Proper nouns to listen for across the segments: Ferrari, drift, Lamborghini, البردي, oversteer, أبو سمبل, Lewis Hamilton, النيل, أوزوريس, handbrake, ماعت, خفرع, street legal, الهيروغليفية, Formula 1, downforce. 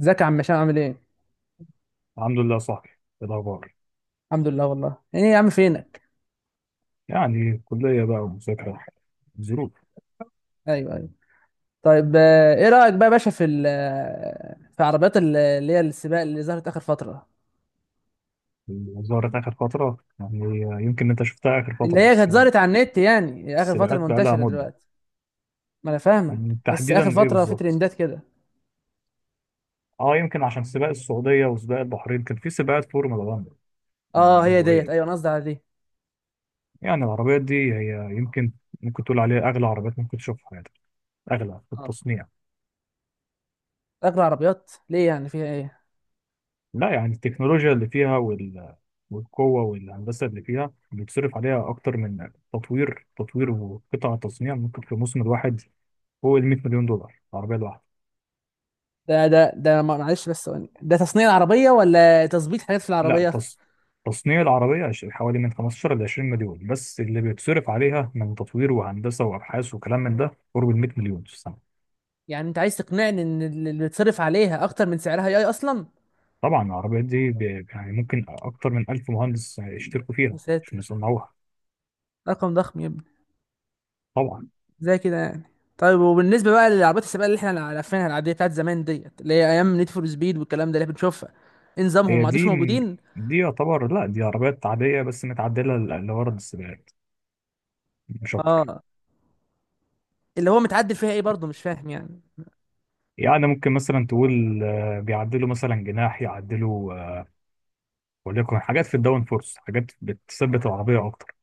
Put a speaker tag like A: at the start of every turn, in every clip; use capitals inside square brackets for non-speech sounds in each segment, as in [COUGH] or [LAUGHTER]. A: ازيك يا عم هشام عامل ايه؟
B: الحمد لله صاحبي. إيه الأخبار؟
A: الحمد لله والله ايه يا عم فينك؟
B: يعني كلية بقى ومذاكرة ظروف.
A: ايوه ايوه. طيب، ايه رأيك بقى يا باشا في عربيات اللي هي السباق اللي ظهرت اخر فترة.
B: ظهرت آخر فترة، يعني يمكن أنت شفتها آخر
A: اللي
B: فترة
A: هي
B: بس.
A: كانت ظهرت على النت، يعني اخر فترة
B: السباقات بقى لها
A: منتشرة
B: مدة.
A: دلوقتي. ما انا فاهمك، بس اخر
B: تحديدا إيه
A: فترة في
B: بالظبط؟
A: ترندات كده.
B: أه يمكن عشان سباق السعودية وسباق البحرين، كان في سباقات فورمولا 1
A: اه،
B: من
A: هي ديت،
B: أسبوعين.
A: ايوه انا قصدي على دي.
B: يعني العربيات دي هي يمكن ممكن تقول عليها أغلى عربيات ممكن تشوفها في حياتك، أغلى في
A: اه.
B: التصنيع.
A: اغلى عربيات ليه؟ يعني فيها ايه؟
B: لا يعني التكنولوجيا اللي فيها وال... والقوة والهندسة اللي فيها بيتصرف عليها أكتر من تطوير وقطع تصنيع ممكن في الموسم الواحد فوق ال 100 مليون دولار العربية الواحدة.
A: ده ده ده ما- معلش بس ثواني، ده تصنيع العربية ولا تظبيط حاجات في
B: لا
A: العربية؟
B: تص... تصنيع العربية حوالي من 15 ل 20 مليون، بس اللي بيتصرف عليها من تطوير وهندسة وأبحاث وكلام من ده قرب ال 100 مليون في السنة.
A: يعني انت عايز تقنعني ان اللي بيتصرف عليها اكتر من سعرها اي اصلا؟
B: طبعا العربيات يعني ممكن أكتر من 1000 مهندس يشتركوا
A: يا
B: فيها عشان
A: ساتر،
B: يصنعوها.
A: رقم ضخم يبقى.
B: طبعا
A: زي كده يعني. طيب، وبالنسبه بقى للعربيات السباق اللي احنا عارفينها، العاديه بتاعت زمان ديت، اللي هي ايام نيد فور سبيد والكلام ده اللي بنشوفها، ايه نظامهم؟
B: هي
A: ما عادوش
B: دي
A: موجودين.
B: دي يعتبر لا، دي عربيات عادية بس متعدلة لغرض السباقات مش أكتر.
A: اه. اللي هو متعدل فيها ايه برضه؟ مش فاهم يعني.
B: يعني ممكن مثلا تقول بيعدلوا مثلا جناح يعدلوا وليكن حاجات في الداون فورس، حاجات بتثبت العربية أكتر.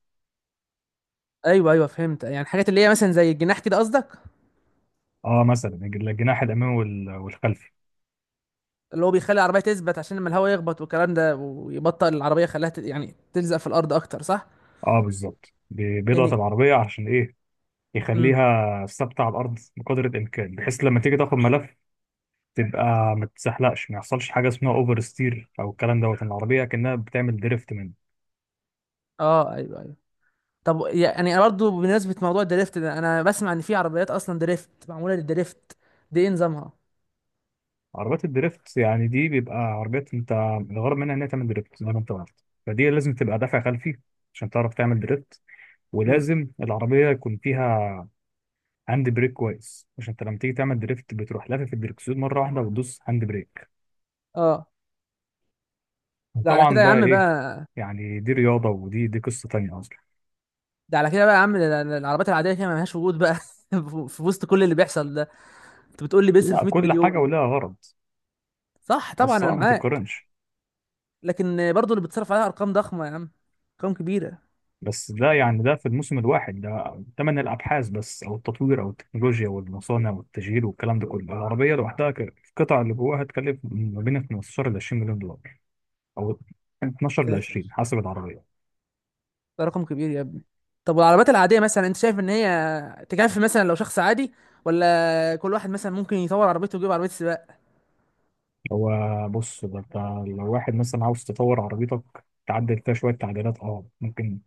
A: ايوه ايوه، فهمت، يعني حاجات اللي هي مثلا زي الجناح كده قصدك.
B: اه، مثلا الجناح الأمامي والخلفي.
A: اللي هو بيخلي العربيه تثبت، عشان لما الهواء يخبط والكلام ده ويبطئ العربيه، خلاها يعني تلزق في الارض اكتر، صح؟
B: اه بالظبط، بيضغط
A: يعني
B: العربية عشان إيه،
A: امم.
B: يخليها ثابتة على الأرض بقدر الإمكان، بحيث لما تيجي تاخد ملف تبقى ما تتزحلقش، ما يحصلش حاجة اسمها أوفر ستير أو الكلام إن العربية كأنها بتعمل دريفت.
A: اه ايوه ايوه. طب يعني انا برضه بمناسبه موضوع الدريفت ده، انا بسمع ان في عربيات اصلا دريفت، معموله للدريفت، دي ايه نظامها؟
B: عربيات الدريفت يعني دي بيبقى عربيات انت الغرض منها ان هي تعمل دريفت زي ما انت قلت، فدي لازم تبقى دافع خلفي عشان تعرف تعمل دريفت.
A: مم.
B: ولازم العربية يكون فيها هاند بريك كويس، عشان انت لما تيجي تعمل دريفت بتروح لافف الدركسيون مرة واحدة وتدوس هاند بريك.
A: اه. ده على كده
B: طبعا
A: يا
B: بقى
A: عم
B: ايه،
A: بقى.
B: يعني دي رياضة، ودي قصة تانية اصلا.
A: ده على كده بقى يا عم، ده العربيات العادية كده ملهاش وجود بقى [LAUGHS] في وسط كل اللي بيحصل ده. انت بتقول لي بيصرف
B: لا،
A: 100
B: كل حاجة
A: مليون؟
B: ولها غرض.
A: صح، طبعا
B: بس
A: انا
B: اه ما
A: معاك.
B: تتقارنش.
A: لكن برضه اللي بتصرف عليها ارقام ضخمة يا عم، ارقام كبيرة
B: بس ده
A: يعني.
B: يعني ده في الموسم الواحد، ده تمن الابحاث بس او التطوير او التكنولوجيا والمصانع والتشغيل والكلام ده كله. العربيه لوحدها القطع اللي جواها هتكلف ما بين 15 ل 20 مليون دولار، او 12 ل
A: ساتر،
B: 20 حسب العربيه.
A: ده رقم كبير يا ابني. طب والعربيات العادية مثلا، انت شايف ان هي تكفي مثلا لو شخص عادي، ولا كل واحد مثلا ممكن يطور عربيته ويجيب عربية سباق؟
B: هو بص، ده انت لو واحد مثلا عاوز تطور عربيتك، تعدل فيها شويه تعديلات اه ممكن،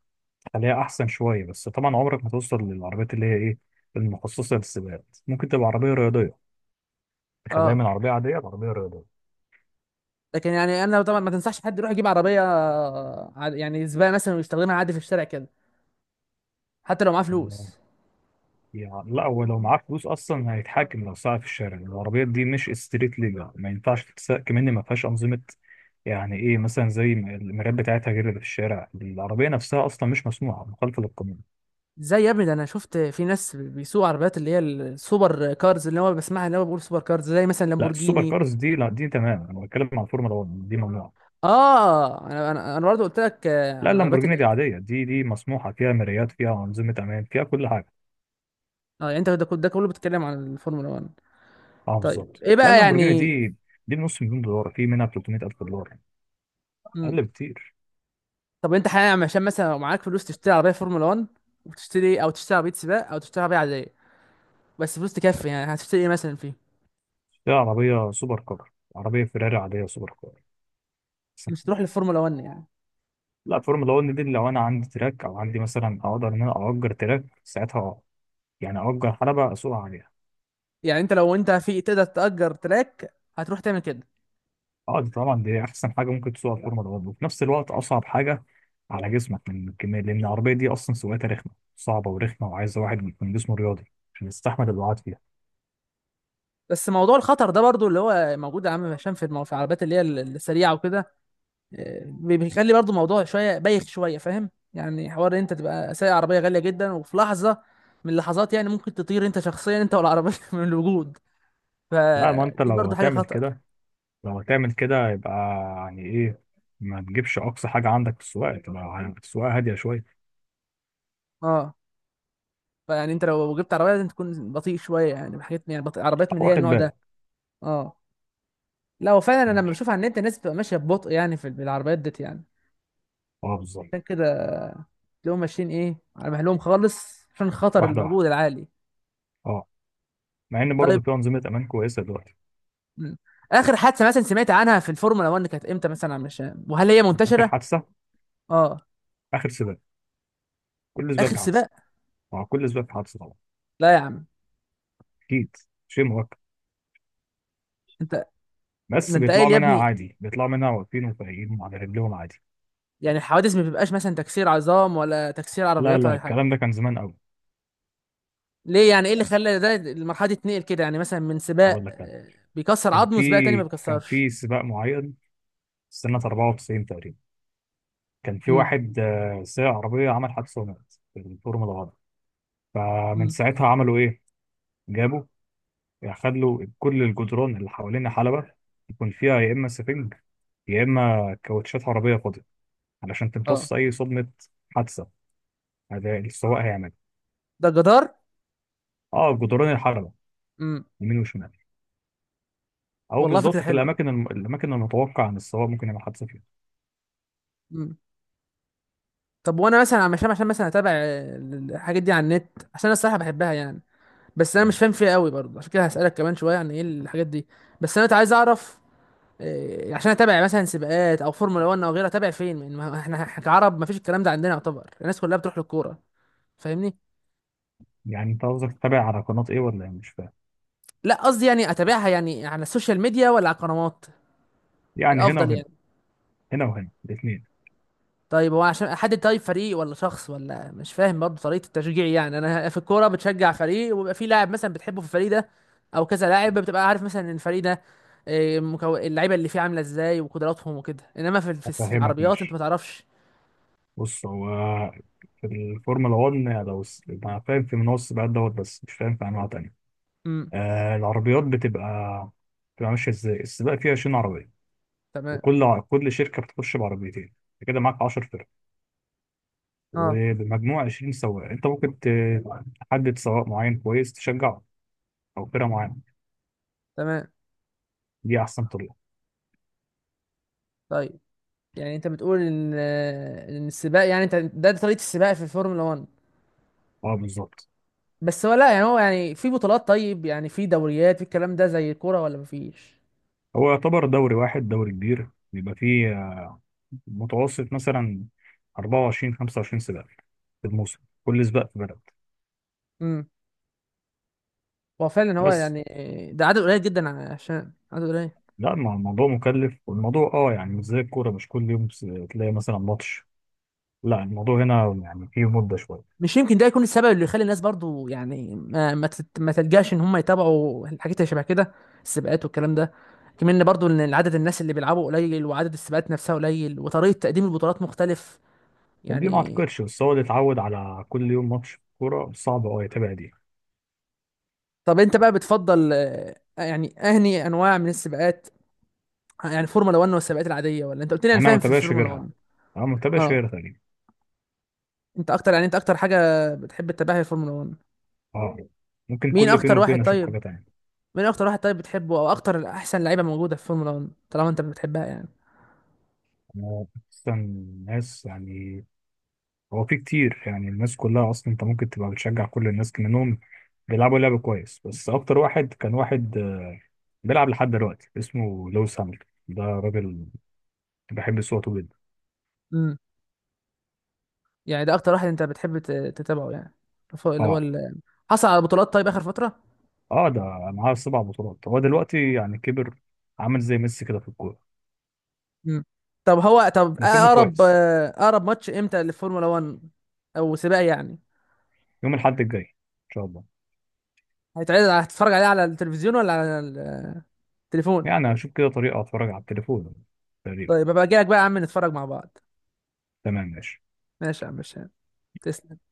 B: تخليها احسن شويه، بس طبعا عمرك ما توصل للعربيات اللي هي ايه، المخصصه للسباقات. ممكن تبقى عربيه رياضيه، تخليها
A: اه.
B: من عربيه عاديه لعربيه رياضيه.
A: لكن يعني انا طبعا ما تنصحش حد يروح يجيب عربية يعني سباق مثلا ويستخدمها عادي في الشارع كده، حتى لو معاه فلوس.
B: يعني لا، هو لو معاه فلوس اصلا هيتحكم لو ساعة في الشارع. العربيات دي مش ستريت ليجل، ما ينفعش تتساق، كمان ما فيهاش انظمه، يعني ايه مثلا زي ما المرايات بتاعتها غير اللي في الشارع. العربيه نفسها اصلا مش مسموحه، مخالفه للقانون.
A: ازاي يا ابني؟ ده انا شفت في ناس بيسوقوا عربيات اللي هي السوبر كارز، اللي هو بسمعها، اللي هو بيقول سوبر كارز زي مثلا
B: لا السوبر
A: لامبورجيني.
B: كارز دي لا، دي تمام. انا بتكلم عن الفورمولا 1، دي ممنوعه.
A: اه، انا برضه قلت لك، على
B: لا
A: العربيات اللي
B: اللامبورجيني
A: هي.
B: دي عاديه، دي مسموحه، فيها مرايات، فيها انظمه امان، فيها كل حاجه.
A: اه، يعني انت ده كله بتتكلم عن الفورمولا 1.
B: اه
A: طيب،
B: بالظبط،
A: ايه
B: لا
A: بقى
B: اللامبورجيني
A: يعني؟
B: دي، دي بنص مليون دولار، في منها 300,000 دولار،
A: مم.
B: اقل بكتير.
A: طب انت حاليا عشان مثلا لو معاك فلوس تشتري عربيه فورمولا 1 وتشتري إيه؟ او تشتري عربيه سباق او تشتري عربيه عاديه، بس فلوس تكفي يعني، هتشتري ايه مثلا فيه؟
B: دي عربيه سوبر كار، عربيه فيراري عاديه سوبر كار.
A: مش تروح للفورمولا 1 يعني؟
B: لا الفورمولا 1 دي لو انا عندي تراك، او عندي مثلا اقدر ان انا اجر تراك ساعتها، يعني اجر حلبة اسوقها عليها.
A: يعني انت لو انت في تقدر تأجر تراك، هتروح تعمل كده؟
B: اه دي طبعا دي احسن حاجة ممكن تسوقها الفورمولا 1، وفي نفس الوقت اصعب حاجة على جسمك من الكمية، لان العربية دي اصلا سواقتها رخمة، صعبة ورخمة، وعايزة واحد يكون جسمه رياضي عشان يستحمل الوعاد فيها.
A: بس موضوع الخطر ده برضو اللي هو موجود يا عم هشام في العربيات اللي هي السريعه وكده، بيخلي برضو الموضوع شويه بايخ شويه، فاهم يعني؟ حوار إن انت تبقى سايق عربيه غاليه جدا، وفي لحظه من اللحظات يعني ممكن تطير انت شخصيا، انت والعربيه [LAUGHS] من الوجود.
B: لا ما انت
A: فدي
B: لو
A: برضو حاجه
B: هتعمل
A: خطر.
B: كده، لو هتعمل كده يبقى يعني ايه، ما تجيبش اقصى حاجة عندك في السواقة، تبقى السواقة هادية شوية.
A: اه. فيعني انت لو جبت عربيه لازم تكون بطيء شويه يعني، حاجات يعني بطيء عربيات من اللي هي
B: واخد
A: النوع ده.
B: بالك.
A: اه. لا وفعلا انا لما
B: ماشي.
A: بشوف على النت الناس بتبقى ماشيه ببطء يعني في العربيات ديت يعني.
B: اه بالظبط.
A: عشان كده تلاقيهم ماشيين ايه، على مهلهم خالص، عشان خطر
B: واحدة
A: الموجود
B: واحدة.
A: العالي.
B: اه، مع ان برضه
A: طيب.
B: في انظمه امان كويسه دلوقتي.
A: مم. اخر حادثه مثلا سمعت عنها في الفورمولا 1 كانت امتى مثلا؟ مش، وهل هي
B: اخر
A: منتشره؟
B: حادثه؟
A: اه.
B: اخر سباق، كل سباق
A: اخر
B: في حادثه.
A: سباق؟
B: مع كل سباق في حادثه طبعا.
A: لا يا عم.
B: اكيد، شيء مؤكد.
A: انت. ده
B: بس
A: انت
B: بيطلعوا
A: قايل يا
B: منها
A: ابني،
B: عادي، بيطلعوا منها واقفين وفايقين على رجلهم عادي.
A: يعني الحوادث ما بيبقاش مثلا تكسير عظام ولا تكسير
B: لا
A: عربيات ولا
B: لا،
A: أي حاجه؟
B: الكلام ده كان زمان قوي.
A: ليه يعني؟ ايه اللي خلى ده المرحله دي تنقل كده، يعني مثلا من سباق
B: اقول لك انا،
A: بيكسر
B: كان
A: عظمه،
B: في
A: سباق تاني ما
B: كان
A: بيكسرش؟
B: في سباق معين سنه 94 تقريبا، كان في
A: امم.
B: واحد سايق عربيه عمل حادثه ومات في الفورمولا 1. فمن
A: امم.
B: ساعتها عملوا ايه، جابوا، خدوا كل الجدران اللي حوالين حلبة يكون فيها يا اما سفنج يا اما كاوتشات عربيه فاضيه، علشان
A: اه.
B: تمتص أي صدمة حادثة هذا السواق هيعمل.
A: ده جدار؟
B: اه جدران الحلبة
A: امم.
B: يمين وشمال، أو
A: والله فكره
B: بالظبط في
A: حلوه.
B: الأماكن الأماكن المتوقع إن السواق ممكن يعمل حادثة فيها.
A: امم. طب وانا مثلا عشان مثلا اتابع الحاجات دي على النت، عشان انا الصراحه بحبها يعني، بس انا مش
B: تمام.
A: فاهم فيها قوي برضه، عشان كده هسألك كمان شوية عن ايه الحاجات دي. بس انا عايز اعرف، عشان اتابع مثلا سباقات او فورمولا 1 او غيرها، اتابع فين؟ من ما احنا إحنا كعرب ما فيش الكلام ده عندنا، يعتبر الناس كلها بتروح للكورة، فاهمني؟
B: يعني أنت قصدك تتابع على قناة إيه ولا إيه، مش فاهم.
A: لا، قصدي يعني اتابعها يعني على السوشيال ميديا ولا على القنوات
B: يعني هنا
A: الافضل
B: وهنا
A: يعني.
B: هنا وهنا الاتنين.
A: طيب، هو عشان احدد، طيب فريق ولا شخص؟ ولا مش فاهم برضه طريقه التشجيع؟ يعني انا في الكوره بتشجع فريق، وبيبقى في لاعب مثلا بتحبه في الفريق ده، او كذا لاعب بتبقى عارف مثلا ان الفريق ده اللعيبه اللي فيه عامله ازاي وقدراتهم وكده، انما في
B: أفهمك
A: العربيات انت ما
B: ماشي.
A: تعرفش.
B: بص هو، في الفورمولا 1 لو أنا فاهم في منوع السباقات بس مش فاهم في أنواع تانية.
A: امم.
B: آه العربيات بتبقى ماشية إزاي، السباق فيها 20 عربية،
A: تمام.
B: كل شركة بتخش بعربيتين، أنت كده معاك 10،
A: اه.
B: وبمجموع 20 سواق انت ممكن تحدد سواق معين كويس تشجعه او فرقه معينه.
A: تمام.
B: دي احسن طريقه.
A: طيب، يعني انت بتقول ان ان السباق يعني انت ده طريقه السباق في الفورمولا 1.
B: اه بالظبط.
A: بس هو لا يعني، هو يعني في بطولات، طيب يعني في دوريات، في الكلام ده زي الكوره، ولا مفيش؟
B: هو يعتبر دوري واحد، دوري كبير بيبقى فيه متوسط مثلا 24 25 سباق في الموسم، كل سباق في بلد.
A: هو فعلا هو
B: بس
A: يعني، ده عدد قليل جدا، عشان عدد قليل.
B: لا الموضوع مكلف، والموضوع اه يعني مش زي الكوره، مش كل يوم تلاقي مثلا ماتش، لا الموضوع هنا يعني فيه مده شويه.
A: مش يمكن ده يكون السبب اللي يخلي الناس برضو يعني ما تلجاش ان هم يتابعوا الحاجات اللي شبه كده، السباقات والكلام ده، كمان إن برضو ان عدد الناس اللي بيلعبوا قليل، وعدد السباقات نفسها قليل، وطريقة تقديم البطولات مختلف
B: دي ما
A: يعني؟
B: اعتقدش، بس هو اللي اتعود على كل يوم ماتش كوره صعب اه يتابع دي.
A: طب انت بقى بتفضل يعني اهني انواع من السباقات، يعني فورمولا 1 والسباقات العادية، ولا انت قلت لي انا
B: انا ما
A: فاهم في
B: بتابعش
A: الفورمولا
B: غيرها،
A: 1؟
B: اه ما بتابعش
A: اه.
B: غيرها تقريبا.
A: انت اكتر يعني، انت اكتر حاجة بتحب تتابعها هي الفورمولا 1.
B: اه ممكن
A: مين
B: كل فين
A: اكتر واحد
B: وفين اشوف
A: طيب؟
B: حاجه تانية.
A: مين اكتر واحد طيب بتحبه، او اكتر احسن لعيبه موجوده في فورمولا 1، طالما انت بتحبها يعني؟
B: انا اصلا الناس يعني، هو في كتير يعني، الناس كلها اصلا انت ممكن تبقى بتشجع كل الناس منهم بيلعبوا لعب كويس، بس اكتر واحد كان واحد بيلعب لحد دلوقتي اسمه لويس هامilton، ده راجل بحب صوته جدا.
A: امم. يعني ده اكتر واحد انت بتحب تتابعه يعني، فوق اللي هو
B: اه.
A: ال-، حصل على بطولات طيب اخر فتره؟
B: اه ده معاه 7 بطولات، هو دلوقتي يعني كبر، عامل زي ميسي كده في الكوره،
A: امم. طب هو، طب
B: لكنه
A: اقرب
B: كويس.
A: اقرب ماتش امتى للفورمولا 1، او سباق يعني؟
B: يوم الاحد الجاي ان شاء الله.
A: هيتعرض على-، هتتفرج عليه على التلفزيون ولا على التليفون؟
B: يعني هشوف كده طريقه اتفرج على التليفون تقريبا.
A: طيب، ابقى اجي لك بقى يا عم نتفرج مع بعض.
B: تمام ماشي.
A: ماشي يا عم هشام، تسلم.